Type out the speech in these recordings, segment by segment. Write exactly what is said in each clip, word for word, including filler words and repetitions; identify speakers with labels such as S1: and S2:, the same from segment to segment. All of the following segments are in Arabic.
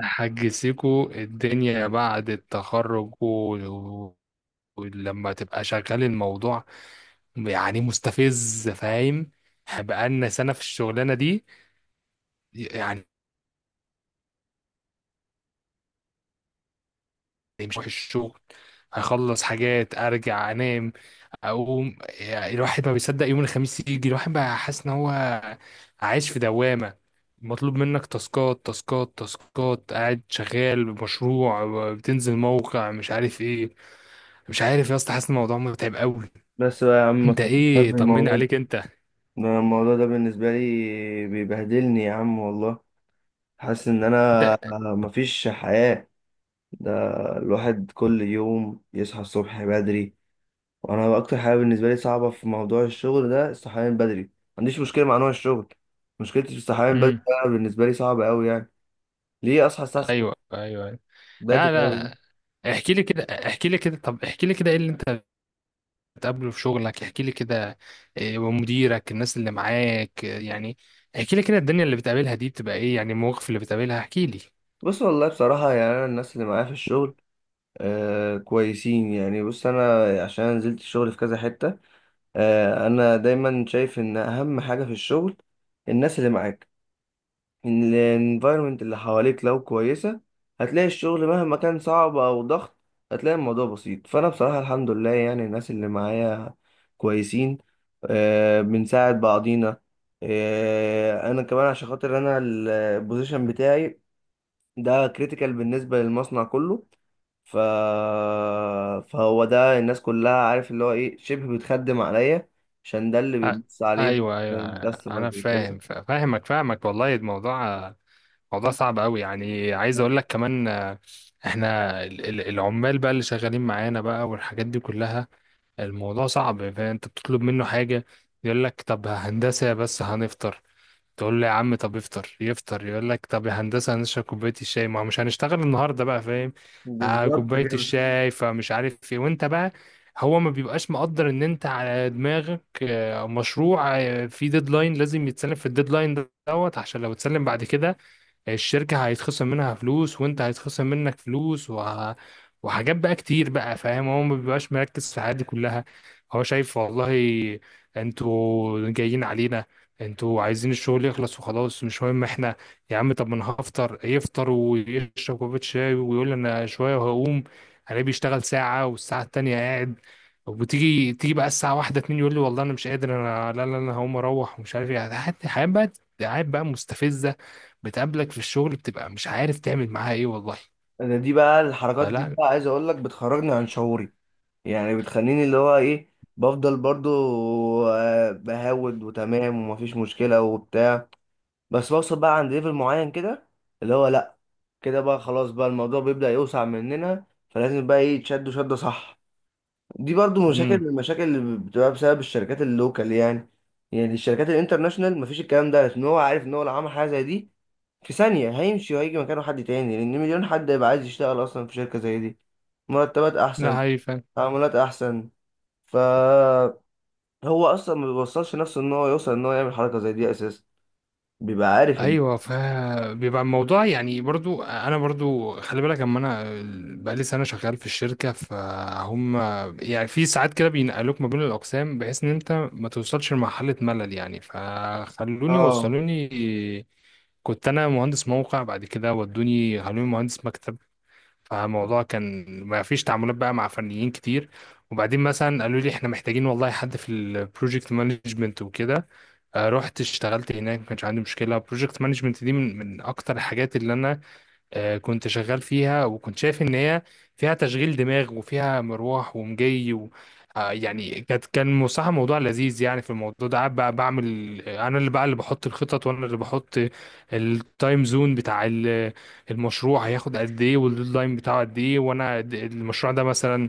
S1: حاج سيكو الدنيا بعد التخرج و- ولما تبقى شغال الموضوع يعني مستفز، فاهم؟ بقالنا سنة في الشغلانة دي يعني. مش هروح الشغل، هخلص حاجات، ارجع انام، اقوم. يعني الواحد ما بيصدق يوم الخميس يجي. الواحد بقى حاسس ان هو عايش في دوامة. مطلوب منك تاسكات تاسكات تاسكات، قاعد شغال بمشروع، بتنزل موقع مش عارف ايه. مش عارف يا اسطى، حاسس إن الموضوع متعب قوي.
S2: بس بقى يا عم ما
S1: انت
S2: تفكرناش
S1: ايه؟ طمني
S2: بالموضوع ده.
S1: عليك انت.
S2: أنا الموضوع ده بالنسبة لي بيبهدلني يا عم والله. حاسس ان
S1: انت
S2: انا مفيش حياة. ده الواحد كل يوم يصحى الصبح بدري، وانا اكتر حاجة بالنسبة لي صعبة في موضوع الشغل ده الصحيان بدري، ما عنديش مشكلة مع نوع الشغل، مشكلتي في الصحيان بدري.
S1: امم،
S2: ده بالنسبة لي صعبة قوي يعني. ليه اصحى الساعة ستة؟
S1: ايوه ايوه أيوة. لا
S2: بدري قوي.
S1: لا. احكي لي كده احكي لي كده طب احكي لي كده، ايه اللي انت بتقابله في شغلك؟ احكي لي كده. إيه ومديرك الناس اللي معاك، إيه يعني؟ احكي لي كده الدنيا اللي بتقابلها دي بتبقى ايه يعني؟ المواقف اللي بتقابلها، احكي لي.
S2: بص والله بصراحة يعني انا الناس اللي معايا في الشغل آه كويسين يعني. بص انا عشان نزلت الشغل في كذا حتة. آه، انا دايما شايف ان اهم حاجه في الشغل الناس اللي معاك، ان الانفايرمنت اللي حواليك لو كويسه هتلاقي الشغل مهما كان صعب او ضغط هتلاقي الموضوع بسيط. فانا بصراحه الحمد لله يعني الناس اللي معايا كويسين. آه، بنساعد بعضينا. آه، انا كمان عشان خاطر انا البوزيشن بتاعي ده كريتيكال بالنسبه للمصنع كله. ف... فهو ده الناس كلها عارف اللي هو ايه شبه بتخدم عليا عشان ده اللي
S1: أ-
S2: بيبص عليه
S1: ايوه ايوه،
S2: من
S1: انا
S2: كاستمرز وكده.
S1: فاهم. فا- فاهمك فاهمك والله. الموضوع موضوع صعب قوي يعني. عايز اقول لك كمان آه، احنا ال- ال- العمال بقى اللي شغالين معانا بقى والحاجات دي كلها الموضوع صعب. فانت بتطلب منه حاجة يقول لك طب هندسة بس هنفطر. تقول له يا عم طب افطر. يفطر يقول لك طب يا هندسه هنشرب كوبايه الشاي، ما هو مش هنشتغل النهارده بقى، فاهم؟ آه
S2: بالظبط
S1: كوبايه
S2: كده.
S1: الشاي فمش عارف ايه. وانت بقى هو ما بيبقاش مقدر ان انت على دماغك آه، مشروع، آه، في ديدلاين لازم يتسلم في الديدلاين دوت، عشان لو اتسلم بعد كده الشركة هيتخصم منها فلوس، وانت هيتخصم منك فلوس وه... وحاجات بقى كتير بقى، فاهم؟ هو ما بيبقاش مركز في الحاجات دي كلها. هو شايف والله انتوا جايين علينا، انتوا عايزين الشغل يخلص وخلاص، مش مهم احنا. يا عم طب، ما انا هفطر. يفطر ويشرب كوباية شاي ويقول انا شوية وهقوم. انا بيشتغل ساعة والساعة التانية قاعد. وتيجي تيجي بقى الساعة واحدة اتنين يقول لي والله انا مش قادر، انا لا لا، انا هقوم اروح ومش عارف ايه. حياة حياة بقى، حياة بقى مستفزة بتقابلك في الشغل، بتبقى مش عارف تعمل معاها ايه والله.
S2: انا دي بقى الحركات دي
S1: فلا،
S2: بقى عايز اقول لك بتخرجني عن شعوري. يعني بتخليني اللي هو ايه، بفضل برضو آه، بهود وتمام ومفيش مشكلة وبتاع. بس بوصل بقى عند ليفل معين كده اللي هو لا، كده بقى خلاص بقى الموضوع بيبدأ يوسع مننا فلازم بقى ايه تشدوا شدة صح. دي برضو مشاكل
S1: امم،
S2: من المشاكل اللي بتبقى بسبب الشركات اللوكال يعني. يعني الشركات الانترناشونال مفيش الكلام ده لان هو عارف ان هو لو عمل حاجه زي دي في ثانيه هيمشي وهيجي مكانه حد تاني، لان مليون حد هيبقى عايز يشتغل اصلا في شركه زي دي. مرتبات احسن،
S1: لا هي فعلا.
S2: تعاملات احسن. فهو اصلا ما بيوصلش نفسه ان هو يوصل ان هو يعمل حركه زي دي اساسا. بيبقى عارف ال...
S1: ايوه، فبيبقى الموضوع يعني برضو. انا برضو خلي بالك، اما انا بقالي سنه شغال في الشركه، فهم. يعني في ساعات كده بينقلوك ما بين الاقسام، بحيث ان انت ما توصلش لمرحله ملل. يعني فخلوني
S2: اه.
S1: وصلوني، كنت انا مهندس موقع، بعد كده ودوني خلوني مهندس مكتب. فالموضوع كان ما فيش تعاملات بقى مع فنيين كتير. وبعدين مثلا قالوا لي احنا محتاجين والله حد في البروجكت مانجمنت وكده. آه، رحت اشتغلت هناك، ما كانش عندي مشكله. البروجكت مانجمنت دي من من اكتر الحاجات اللي انا آه، كنت شغال فيها، وكنت شايف ان هي فيها تشغيل دماغ وفيها مروح ومجي، و آه، يعني كانت كان صراحة موضوع لذيذ يعني. في الموضوع ده قاعد بقى بعمل آه، انا اللي بقى اللي بحط الخطط، وانا اللي بحط التايم زون بتاع ال- المشروع. هياخد قد ايه والديدلاين بتاعه قد ايه؟ وانا د- المشروع ده مثلا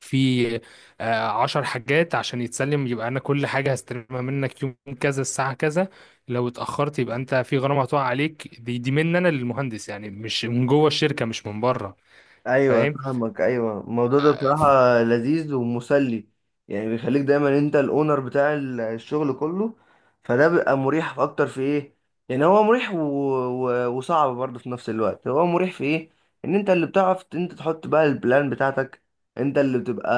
S1: في آه، عشر حاجات عشان يتسلم، يبقى انا كل حاجة هستلمها منك يوم كذا الساعة كذا. لو اتأخرت يبقى انت في غرامة هتقع عليك. دي دي مني انا للمهندس يعني، مش من جوه الشركة، مش من بره،
S2: ايوه
S1: فاهم؟
S2: فاهمك. ايوه الموضوع ده بصراحه لذيذ ومسلي، يعني بيخليك دايما انت الاونر بتاع ال- الشغل كله. فده بيبقى مريح في اكتر في ايه. يعني هو مريح و... و... وصعب برضه في نفس الوقت. هو مريح في ايه؟ ان انت اللي بتعرف ت- انت تحط بقى البلان بتاعتك. انت اللي بتبقى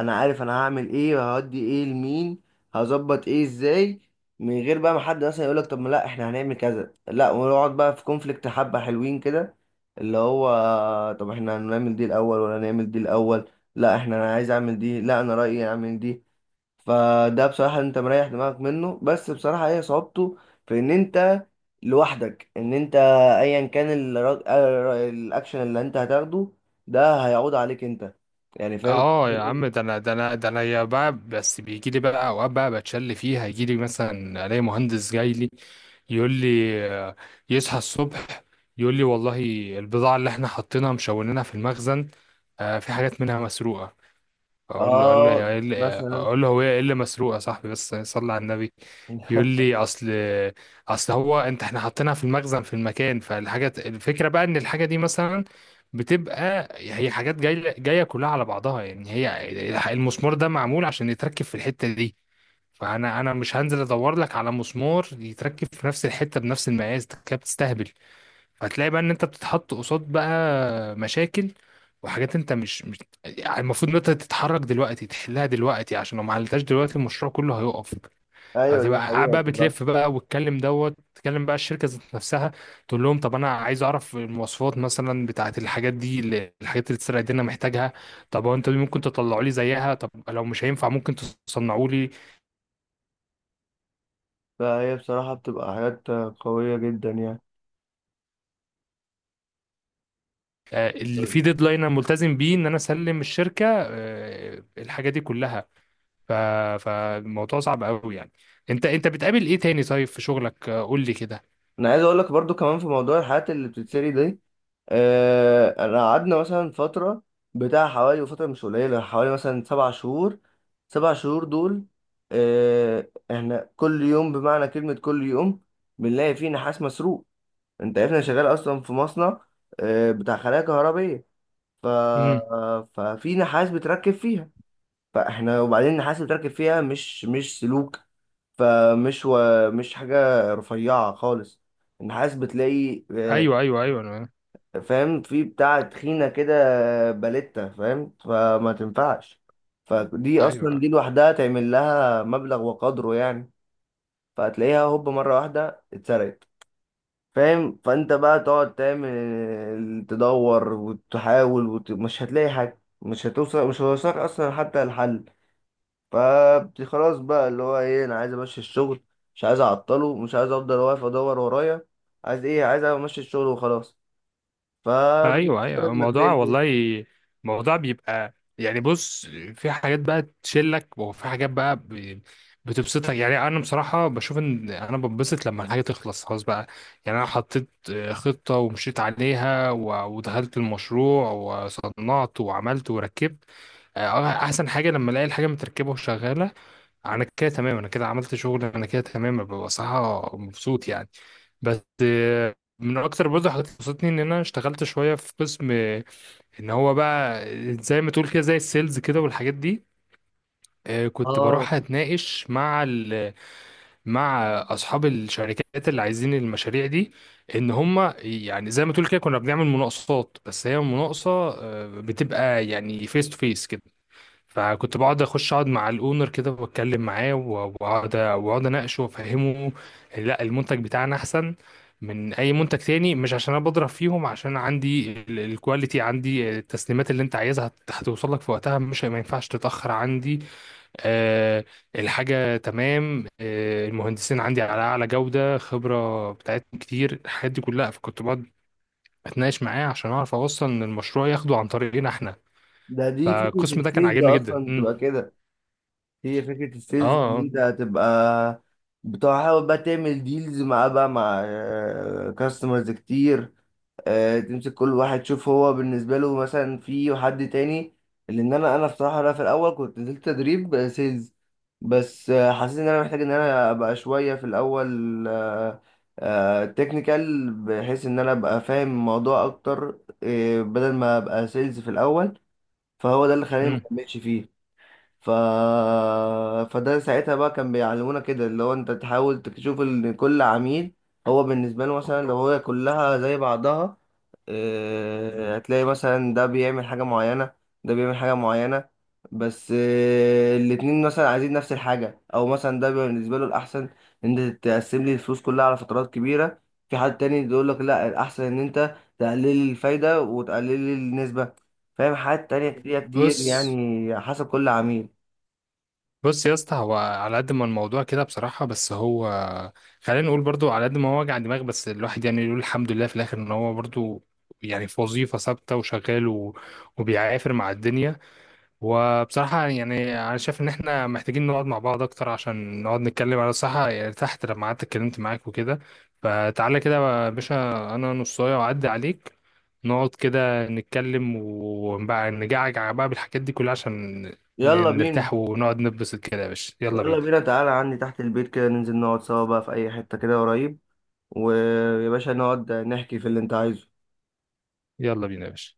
S2: انا عارف انا هعمل ايه وهودي ايه لمين، هظبط ايه ازاي، من غير بقى ما حد مثلا يقولك طب ما لا احنا هنعمل كذا لا، ونقعد بقى في كونفليكت حبه حلوين كده، اللي هو طب احنا هنعمل دي الاول ولا نعمل دي الاول، لا احنا انا عايز اعمل دي، لا انا رايي اعمل دي. فده بصراحه انت مريح دماغك منه، بس بصراحه هي صعوبته في ان انت لوحدك ان انت ايا كان الرا- ال- الاكشن اللي انت هتاخده ده هيعود عليك انت. يعني فاهم.
S1: اه يا عم، ده انا ده انا ده انا يا بقى. بس بيجي لي بقى اوقات بقى بتشل فيها، يجي لي مثلا الاقي مهندس جاي لي يقول لي، آه، يصحى الصبح يقول لي والله البضاعة اللي احنا حاطينها مشونينها في المخزن، آه، في حاجات منها مسروقة. اقول له اقول له يا-
S2: اه
S1: اقول له
S2: مثلا.
S1: أقول له هو ايه اللي مسروق يا صاحبي؟ بس صلي على النبي. يقول لي اصل اصل هو انت احنا حاطينها في المخزن في المكان. فالحاجه، الفكره بقى ان الحاجه دي مثلا بتبقى، هي حاجات جايه جايه كلها على بعضها. يعني هي المسمار ده معمول عشان يتركب في الحته دي، فانا انا مش هنزل ادور لك على مسمار يتركب في نفس الحته بنفس المقاس، ده كده بتستهبل. هتلاقي بقى ان انت بتتحط قصاد بقى مشاكل وحاجات انت مش, مش يعني. المفروض ان انت تتحرك دلوقتي تحلها دلوقتي، عشان لو ما حلتهاش دلوقتي المشروع كله هيقف.
S2: ايوه دي
S1: هتبقى قاعد
S2: حقيقه
S1: بقى
S2: بصراحه.
S1: بتلف بقى، وتكلم دوت تكلم بقى الشركه ذات نفسها، تقول لهم طب انا عايز اعرف المواصفات مثلا بتاعه الحاجات دي اللي- الحاجات اللي اتسرقت دي، انا محتاجها. طب هو انتوا دي ممكن تطلعوا لي زيها؟ طب لو مش هينفع ممكن تصنعوا لي
S2: فهي بصراحه بتبقى حاجات قويه جدا يعني.
S1: آه، اللي فيه ديدلاين، انا ملتزم بيه ان انا اسلم الشركه آه، الحاجه دي كلها. ف... فالموضوع صعب قوي يعني. انت انت بتقابل ايه تاني طيب في شغلك؟ آه، قول لي كده.
S2: انا عايز اقول لك برضو كمان في موضوع الحاجات اللي بتتسري دي. آه، انا قعدنا مثلا فترة بتاع حوالي وفترة مش قليلة حوالي مثلا سبع شهور. سبع شهور دول، آه، احنا كل يوم بمعنى كلمة كل يوم بنلاقي فيه نحاس مسروق. انت عارف انا شغال اصلا في مصنع آه، بتاع خلايا كهربية. ف...
S1: امم.
S2: ففي نحاس بتركب فيها. فاحنا وبعدين النحاس اللي بتركب فيها مش مش سلوك. فمش و... مش حاجة رفيعة خالص. النحاس بتلاقي آه،
S1: ايوه ايوه ايوه، انا
S2: فاهم في بتاع تخينة كده. آه، باليتا فاهم، فما تنفعش. فدي أصلا
S1: ايوه
S2: دي لوحدها تعمل لها مبلغ وقدره يعني. فهتلاقيها هوب مرة واحدة اتسرقت. فاهم، فأنت بقى تقعد تعمل آه، تدور وتحاول وت... مش هتلاقي حاجة، مش هتوصل مش هتوصلك أصلا حتى الحل. فخلاص بقى اللي هو ايه انا عايز امشي الشغل، مش عايز اعطله، مش عايز افضل واقف ادور ورايا. عايز ايه؟ عايز امشي الشغل وخلاص. فبتضطر
S1: ايوه ايوه.
S2: انك
S1: الموضوع
S2: تعمل
S1: والله،
S2: ايه.
S1: الموضوع بيبقى يعني، بص، في حاجات بقى تشلك، وفي حاجات بقى ب- بتبسطك. يعني انا بصراحه بشوف ان انا بنبسط لما الحاجه تخلص، خلاص بقى. يعني انا حطيت آه، خطه ومشيت عليها و- ودخلت المشروع وصنعت وعملت وركبت. آه، احسن حاجه لما الاقي الحاجه متركبه وشغاله. انا كده تمام، انا كده عملت شغل، انا كده تمام، ببقى صراحه مبسوط يعني. بس آه، من اكتر برضه حاجات اللي بسطتني ان انا اشتغلت شويه في قسم آه، ان هو بقى زي ما تقول كده زي السيلز كده والحاجات دي. آه، كنت
S2: اه،
S1: بروح اتناقش مع ال مع اصحاب الشركات اللي عايزين المشاريع دي، ان هم يعني زي ما تقول كده. كنا بنعمل مناقصات، بس هي مناقصه آه، بتبقى يعني فيس تو فيس. فكنت بقعد اخش اقعد مع الاونر كده واتكلم معاه و- واقعد واقعد اناقشه وافهمه، لا المنتج بتاعنا احسن من اي منتج تاني، مش عشان انا بضرب فيهم، عشان عندي ال- الكواليتي، عندي التسليمات اللي انت عايزها هت- هتوصل لك في وقتها، مش ما ينفعش تتاخر عندي. أه، الحاجه تمام. أه، المهندسين عندي على اعلى جوده، خبره بتاعتهم كتير، الحاجات دي كلها. فكنت بقعد اتناقش معاه عشان اعرف اوصل ان المشروع ياخده عن طريقنا احنا.
S2: ده دي فكرة
S1: فالقسم ده كان
S2: السيلز
S1: عاجبني جدا.
S2: اصلا
S1: امم،
S2: تبقى كده. هي فكرة السيلز ان
S1: اه،
S2: انت هتبقى بتحاول بقى تعمل ديلز مع بقى مع كاستمرز كتير. آه، تمسك كل واحد تشوف هو بالنسبة له مثلا في حد تاني. لأن أنا أنا بصراحة أنا في الأول كنت نزلت تدريب آه، سيلز. بس آه، حسيت إن أنا محتاج إن أنا أبقى شوية في الأول آه، آه، تكنيكال بحيث إن أنا أبقى فاهم الموضوع أكتر آه، بدل ما أبقى سيلز في الأول. فهو ده اللي خلاني
S1: مم.
S2: مكملش فيه. ف... فده ساعتها بقى كان بيعلمونا كده اللي هو أنت تحاول تشوف إن كل عميل هو بالنسبة له مثلا لو هو كلها زي بعضها، آه، هتلاقي مثلا ده بيعمل حاجة معينة، ده بيعمل حاجة معينة. بس آه، الاتنين مثلا عايزين نفس الحاجة، أو مثلا ده بيبقى بالنسبة له الأحسن إن أنت تقسم لي الفلوس كلها على فترات كبيرة. في حد تاني يقول لك لا الأحسن إن أنت تقلل لي الفايدة وتقلل لي النسبة. فاهم، حاجات تانية كتير كتير
S1: بص
S2: يعني حسب كل عميل.
S1: بص يا اسطى، هو على قد ما الموضوع كده بصراحة، بس هو خلينا نقول برضو، على قد ما هو وجع دماغ، بس الواحد يعني يقول الحمد لله في الآخر إن هو برضو يعني في وظيفة ثابتة وشغال و- وبيعافر مع الدنيا. وبصراحة يعني أنا شايف إن إحنا محتاجين نقعد مع بعض أكتر عشان نقعد نتكلم على الصحة، يعني تحت لما قعدت اتكلمت معاك وكده. فتعالى كده يا باشا، أنا نصاية وأعدي عليك، نقعد كده نتكلم وبقى نجعجع بقى بالحاجات دي كلها عشان
S2: يلا
S1: ن-
S2: بينا.
S1: نرتاح ونقعد نتبسط كده يا باشا. يلا
S2: يلا بينا،
S1: بينا،
S2: تعالى عندي تحت البيت كده ننزل نقعد سوا بقى في أي حتة كده قريب، ويا باشا نقعد نحكي في اللي أنت عايزه.
S1: يلا بينا يا باشا.